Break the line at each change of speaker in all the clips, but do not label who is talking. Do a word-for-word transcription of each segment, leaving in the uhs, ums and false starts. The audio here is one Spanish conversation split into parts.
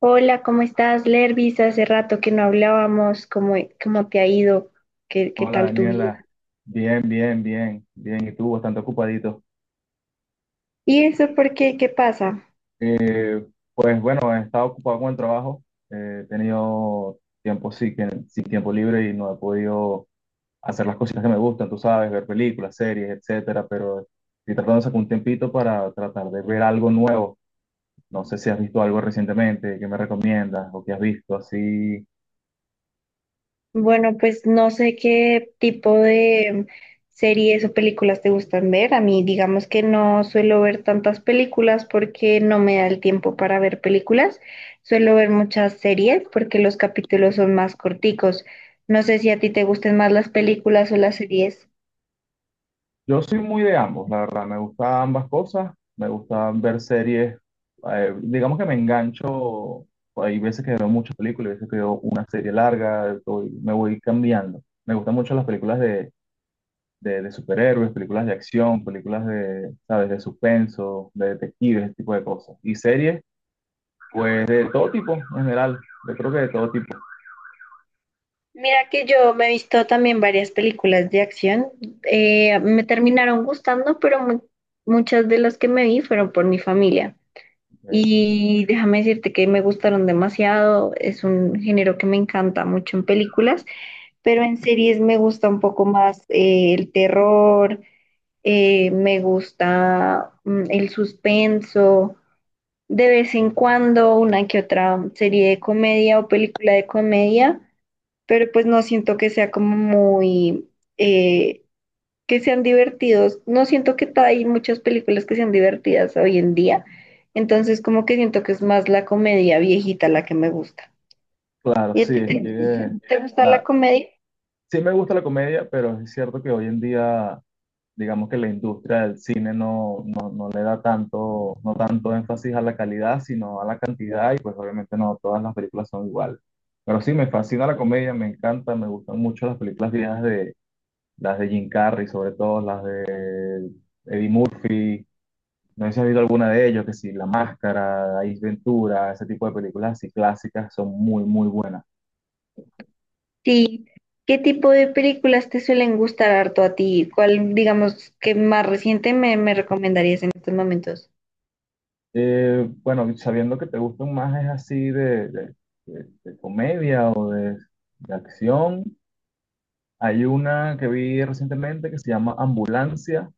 Hola, ¿cómo estás, Lervis? Hace rato que no hablábamos, ¿cómo, cómo te ha ido? ¿Qué, qué
Hola
tal tu vida?
Daniela, bien, bien, bien, bien, y tú bastante ocupadito.
¿Y eso por qué? ¿Qué pasa?
Eh, pues bueno, he estado ocupado con el trabajo, eh, he tenido tiempo sí, que- sin tiempo libre y no he podido hacer las cositas que me gustan, tú sabes, ver películas, series, etcétera, pero estoy tratando de sacar un tiempito para tratar de ver algo nuevo. No sé si has visto algo recientemente, qué me recomiendas o qué has visto así.
Bueno, pues no sé qué tipo de series o películas te gustan ver. A mí, digamos que no suelo ver tantas películas porque no me da el tiempo para ver películas. Suelo ver muchas series porque los capítulos son más corticos. No sé si a ti te gusten más las películas o las series.
Yo soy muy de ambos, la verdad, me gusta ambas cosas, me gusta ver series, eh, digamos que me engancho, hay veces que veo muchas películas, hay veces que veo una serie larga, estoy- me voy cambiando. Me gustan mucho las películas de, de, de superhéroes, películas de acción, películas de, ¿sabes?, de suspenso, de detectives, ese tipo de cosas. Y series, pues de todo tipo, en general, yo creo que de todo tipo.
Mira que yo me he visto también varias películas de acción. Eh, me terminaron gustando, pero mu- muchas de las que me vi fueron por mi familia.
Eh,
Y déjame decirte que me gustaron demasiado. Es un género que me encanta mucho en películas, pero en series me gusta un poco más eh, el terror, eh, me gusta mm, el suspenso. De vez en cuando una que otra serie de comedia o película de comedia, pero pues no siento que sea como muy, eh, que sean divertidos. No siento que ta- hay muchas películas que sean divertidas hoy en día, entonces como que siento que es más la comedia viejita la que me gusta.
claro,
¿Y a
sí,
ti
es que...
te,
eh,
te gusta la
la-
comedia?
Sí me gusta la comedia, pero es cierto que hoy en día, digamos que la industria del cine no, no, no le da tanto, no tanto énfasis a la calidad, sino a la cantidad, y pues obviamente no todas las películas son iguales. Pero sí, me fascina la comedia, me encanta, me gustan mucho las películas viejas de las de Jim Carrey, sobre todo las de Eddie Murphy. No sé si has visto alguna de ellos, que sí, La Máscara, Ace Ventura, ese tipo de películas así clásicas son muy, muy buenas.
Sí. ¿Qué tipo de películas te suelen gustar harto a ti? ¿Cuál, digamos, que más reciente me, me recomendarías en estos momentos?
Eh, bueno, sabiendo que te gustan más es así de, de- de- de comedia o de, de acción, hay una que vi recientemente que se llama Ambulancia,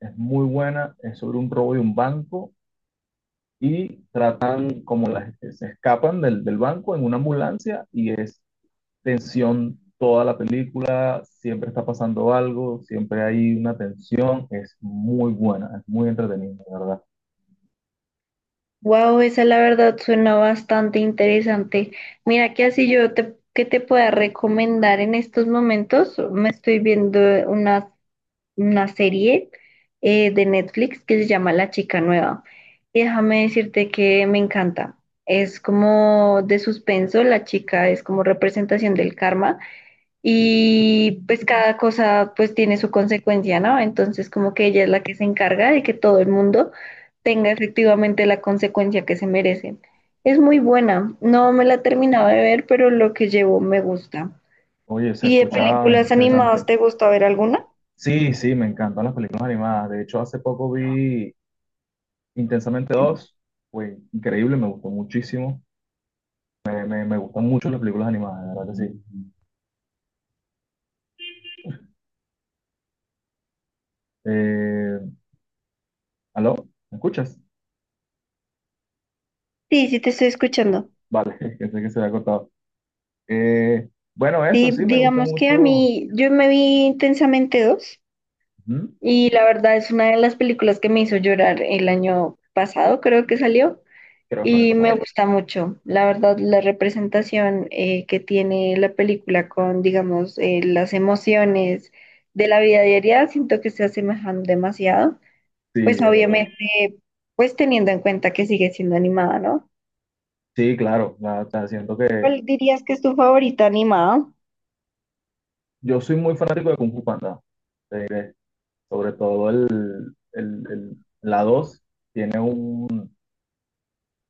es muy buena, es sobre un robo de un banco y tratan como las, se escapan del, del banco en una ambulancia y es tensión toda la película, siempre está pasando algo, siempre hay una tensión, es muy buena, es muy entretenida, de verdad.
Wow, esa la verdad suena bastante interesante. Mira que así yo te, que te pueda recomendar en estos momentos, me estoy viendo una, una serie eh, de Netflix que se llama La Chica Nueva. Y déjame decirte que me encanta. Es como de suspenso, la chica es como representación del karma y pues cada cosa pues tiene su consecuencia, ¿no? Entonces como que ella es la que se encarga de que todo el mundo tenga efectivamente la consecuencia que se merecen. Es muy buena, no me la terminaba de ver, pero lo que llevo me gusta.
Oye, se
¿Y de
escucha
películas animadas
interesante.
te gusta ver alguna?
Sí, sí, me encantan las películas animadas. De hecho, hace poco vi Intensamente dos. Fue increíble, me gustó muchísimo. Me, me- me gustan mucho las películas animadas, de verdad que sí. Eh, ¿aló? ¿Me escuchas?
Sí, sí te estoy escuchando.
Vale, pensé que se había cortado. Eh, bueno, eso
Sí,
sí, me gusta
digamos que a
mucho.
mí, yo me vi Intensamente dos
Ujú.
y la verdad es una de las películas que me hizo llorar el año pasado, creo que salió.
Creo que me he
Y me
pasado.
gusta mucho, la verdad, la representación eh, que tiene la película con, digamos, eh, las emociones de la vida diaria, siento que se asemejan demasiado.
Sí,
Pues
es verdad.
obviamente, pues teniendo en cuenta que sigue siendo animada, ¿no?
Sí, claro. La- la siento que
¿Cuál dirías que es tu favorita animada?
yo soy muy fanático de Kung Fu Panda. Te diré, sobre todo el, el, el- la dos tiene un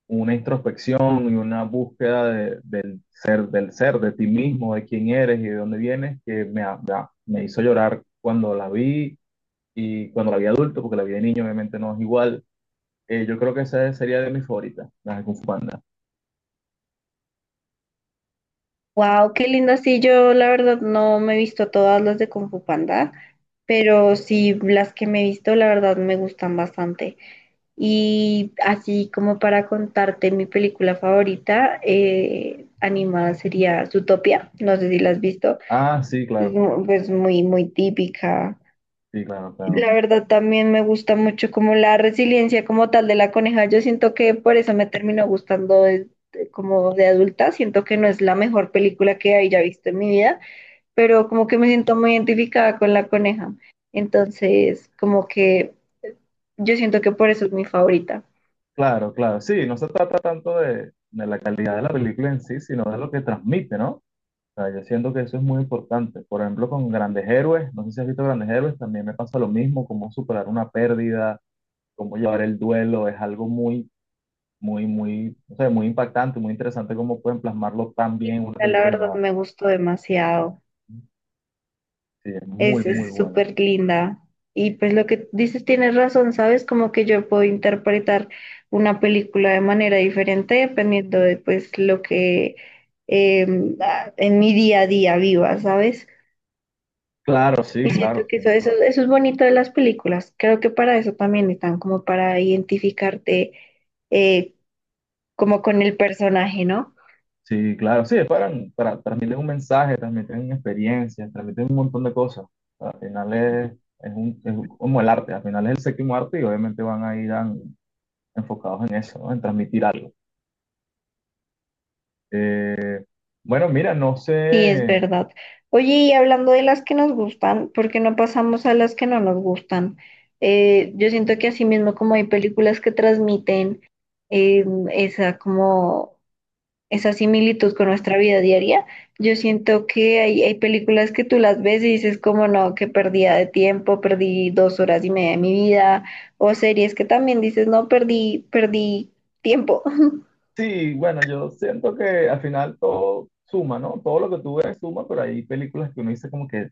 una introspección y una búsqueda de- del ser, del ser, de ti mismo, de quién eres y de dónde vienes, que me, me me hizo llorar cuando la vi y cuando la vi adulto, porque la vi de niño obviamente no es igual. Eh, yo creo que esa sería de mis favoritas, las de Kung Fu Panda.
Wow, qué linda. Sí, yo la verdad no me he visto todas las de Kung Fu Panda, pero sí las que me he visto, la verdad me gustan bastante. Y así como para contarte mi película favorita, eh, animada sería Zootopia, no sé si la has visto,
Ah, sí,
es
claro,
mu- pues muy, muy típica.
sí, claro, claro.
La verdad también me gusta mucho como la resiliencia como tal de la coneja, yo siento que por eso me terminó gustando de- de- como de adulta, siento que no es la mejor película que haya visto en mi vida, pero como que me siento muy identificada con la coneja, entonces como que yo siento que por eso es mi favorita.
Claro, claro, sí, no se trata tanto de, de la calidad de la película en sí, sino de lo que transmite, ¿no? O sea, yo siento que eso es muy importante. Por ejemplo, con Grandes Héroes, no sé si has visto Grandes Héroes, también me pasa lo mismo, como superar una pérdida, cómo llevar el duelo, es algo muy, muy, muy, no sé, muy impactante, muy interesante cómo pueden plasmarlo tan bien en una
La la
película
verdad
animada.
me gustó demasiado.
Sí, es muy,
Es
muy
es
buena.
súper linda. Y pues lo que dices tienes razón, ¿sabes? Como que yo puedo interpretar una película de manera diferente dependiendo de pues lo que eh, ah, en mi día a día viva, ¿sabes?
Claro, sí,
Y siento
claro,
que eso,
sin
eso,
duda.
eso es bonito de las películas. Creo que para eso también están, como para identificarte, eh, como con el personaje, ¿no?
Sí, claro, sí, es para, para transmitir un mensaje, transmiten experiencias, transmiten un montón de cosas. Al final es, es, un, es como el arte, al final es el séptimo arte y obviamente van a ir an- enfocados en eso, ¿no? En transmitir algo. Eh, bueno, mira, no
Sí, es
sé.
verdad. Oye, y hablando de las que nos gustan, ¿por qué no pasamos a las que no nos gustan? Eh, yo siento que así mismo como hay películas que transmiten eh, esa como esa similitud con nuestra vida diaria, yo siento que hay, hay películas que tú las ves y dices como no, que perdida de tiempo, perdí dos horas y media de mi vida, o series que también dices no, perdí, perdí tiempo.
Sí, bueno, yo siento que al final todo suma, ¿no? Todo lo que tú ves suma, pero hay películas que uno dice como que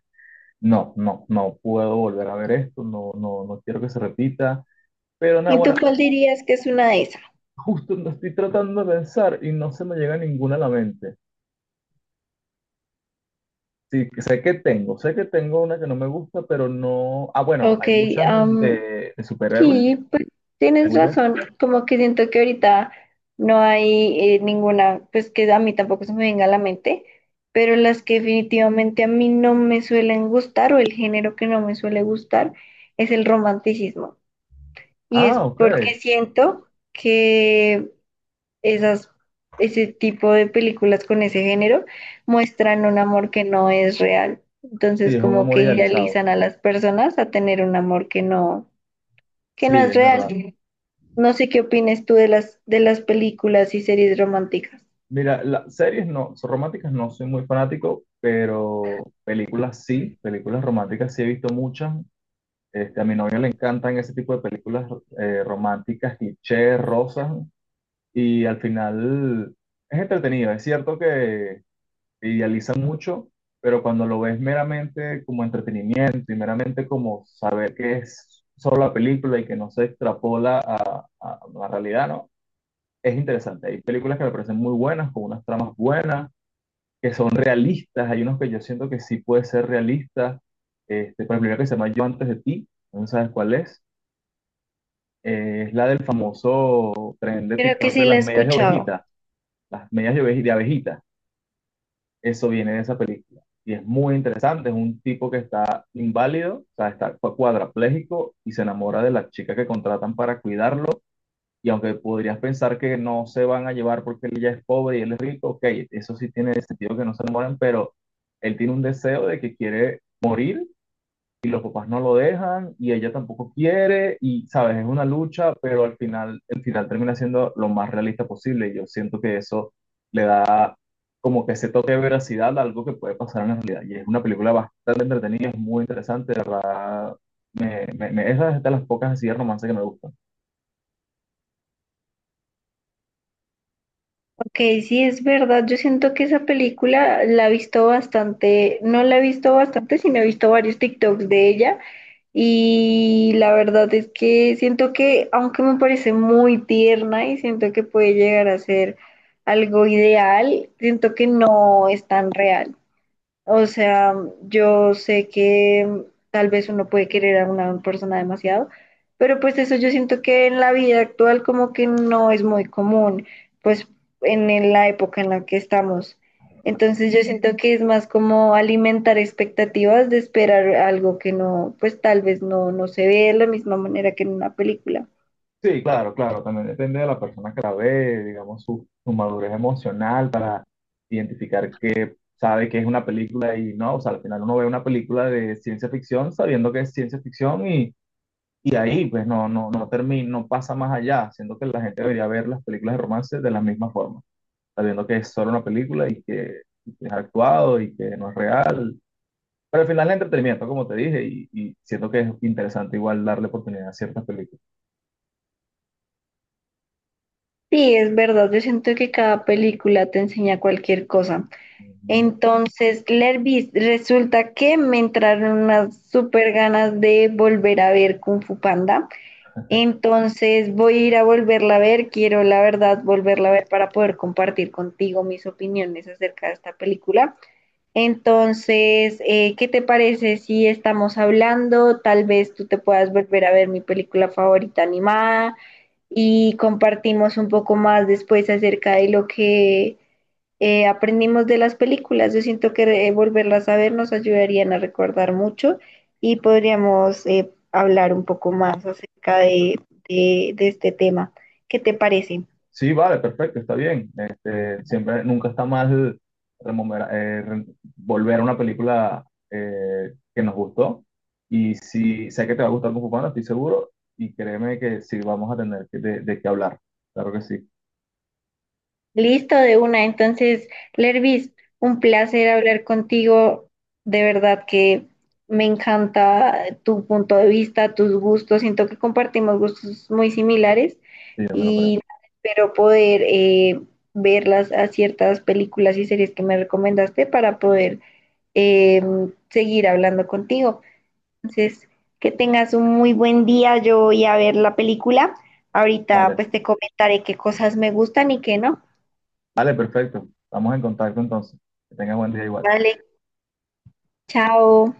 no, no, no puedo volver a ver esto, no, no, no quiero que se repita. Pero nada,
¿Y tú
bueno,
cuál
ju-
dirías que es una de esas?
justo lo estoy tratando de pensar y no se me llega ninguna a la mente. Sí, que sé que tengo, sé que tengo una que no me gusta, pero no. Ah, bueno,
Ok.
hay muchas de, de superhéroes,
Sí, pues
hay
tienes
muchas.
razón, como que siento que ahorita no hay, eh, ninguna, pues que a mí tampoco se me venga a la mente, pero las que definitivamente a mí no me suelen gustar o el género que no me suele gustar es el romanticismo. Y
Ah,
es
ok.
porque siento que esas, ese tipo de películas con ese género muestran un amor que no es real.
Sí,
Entonces
es un
como
amor
que
idealizado.
idealizan a las personas a tener un amor que no, que no
Sí,
es
es verdad.
real. No sé qué opines tú de las, de las películas y series románticas.
Mira, las series no, son románticas no soy muy fanático, pero películas sí, películas románticas sí he visto muchas. Este, a mi novio le encantan ese tipo de películas eh, románticas, clichés, rosas, y al final es entretenido. Es cierto que idealizan mucho, pero cuando lo ves meramente como entretenimiento y meramente como saber que es solo la película y que no se extrapola a, a la realidad, ¿no? Es interesante. Hay películas que me parecen muy buenas, con unas tramas buenas que son realistas, hay unos que yo siento que sí puede ser realista, este, por ejemplo, hay una que se llama Yo antes de ti, no sabes cuál es. Eh, es la del famoso tren de
Creo que
TikTok
sí
de
la he
las medias de
escuchado.
ovejita, las medias de, oveji- de abejita, eso viene de esa película. Y es muy interesante, es un tipo que está inválido, o sea, está cua- cuadraplégico y se enamora de la chica que contratan para cuidarlo. Y aunque podrías pensar que no se van a llevar porque él ya es pobre y él es rico, ok, eso sí tiene sentido que no se enamoren, pero él tiene un deseo de que quiere morir y los papás no lo dejan y ella tampoco quiere y, sabes, es una lucha, pero al final, el final termina siendo lo más realista posible. Y yo siento que eso le da como que ese toque de veracidad a algo que puede pasar en la realidad. Y es una película bastante entretenida, es muy interesante, de verdad. Me, me, me- esa es de las pocas así de romance que me gusta.
Ok, sí es verdad. Yo siento que esa película la he visto bastante, no la he visto bastante, sino he visto varios TikToks de ella. Y la verdad es que siento que, aunque me parece muy tierna y siento que puede llegar a ser algo ideal, siento que no es tan real. O sea, yo sé que mm, tal vez uno puede querer a una persona demasiado, pero pues eso yo siento que en la vida actual como que no es muy común, pues en en la época en la que estamos. Entonces yo siento que es más como alimentar expectativas de esperar algo que no, pues tal vez no, no se ve de la misma manera que en una película.
Sí, claro, claro, también depende de la persona que la ve, digamos, su, su madurez emocional para identificar que sabe que es una película y no, o sea, al final uno ve una película de ciencia ficción sabiendo que es ciencia ficción y, y ahí pues no, no, no termina, no pasa más allá, siendo que la gente debería ver las películas de romance de la misma forma, sabiendo que es solo una película y que, y que es actuado y que no es real, pero al final es entretenimiento, como te dije, y, y siento que es interesante igual darle oportunidad a ciertas películas.
Sí, es verdad, yo siento que cada película te enseña cualquier cosa.
Ujú.
Entonces, Lervis, resulta que me entraron unas súper ganas de volver a ver Kung Fu Panda. Entonces, voy a ir a volverla a ver. Quiero, la verdad, volverla a ver para poder compartir contigo mis opiniones acerca de esta película. Entonces, eh, ¿qué te parece si estamos hablando? Tal vez tú te puedas volver a ver mi película favorita animada y compartimos un poco más después acerca de lo que eh, aprendimos de las películas. Yo siento que eh, volverlas a ver nos ayudarían a recordar mucho y podríamos eh, hablar un poco más acerca de, de, de este tema. ¿Qué te parece?
Sí, vale, perfecto, está bien. Este, siempre, nunca está mal rememora- eh, re- volver a una película eh, que nos gustó. Y si sé que te va a gustar Kung Fu Panda, estoy seguro. Y créeme que sí vamos a tener que- de, de qué hablar. Claro que sí,
Listo de una. Entonces, Lervis, un placer hablar contigo. De verdad que me encanta tu punto de vista, tus gustos. Siento que compartimos gustos muy similares
sí, yo me lo creo.
y espero poder, eh, ver las, a ciertas películas y series que me recomendaste para poder eh, seguir hablando contigo. Entonces, que tengas un muy buen día. Yo voy a ver la película. Ahorita
Vale,
pues te comentaré qué cosas me gustan y qué no.
vale, perfecto. Estamos en contacto entonces. Que tengas buen día igual.
Vale. Chao.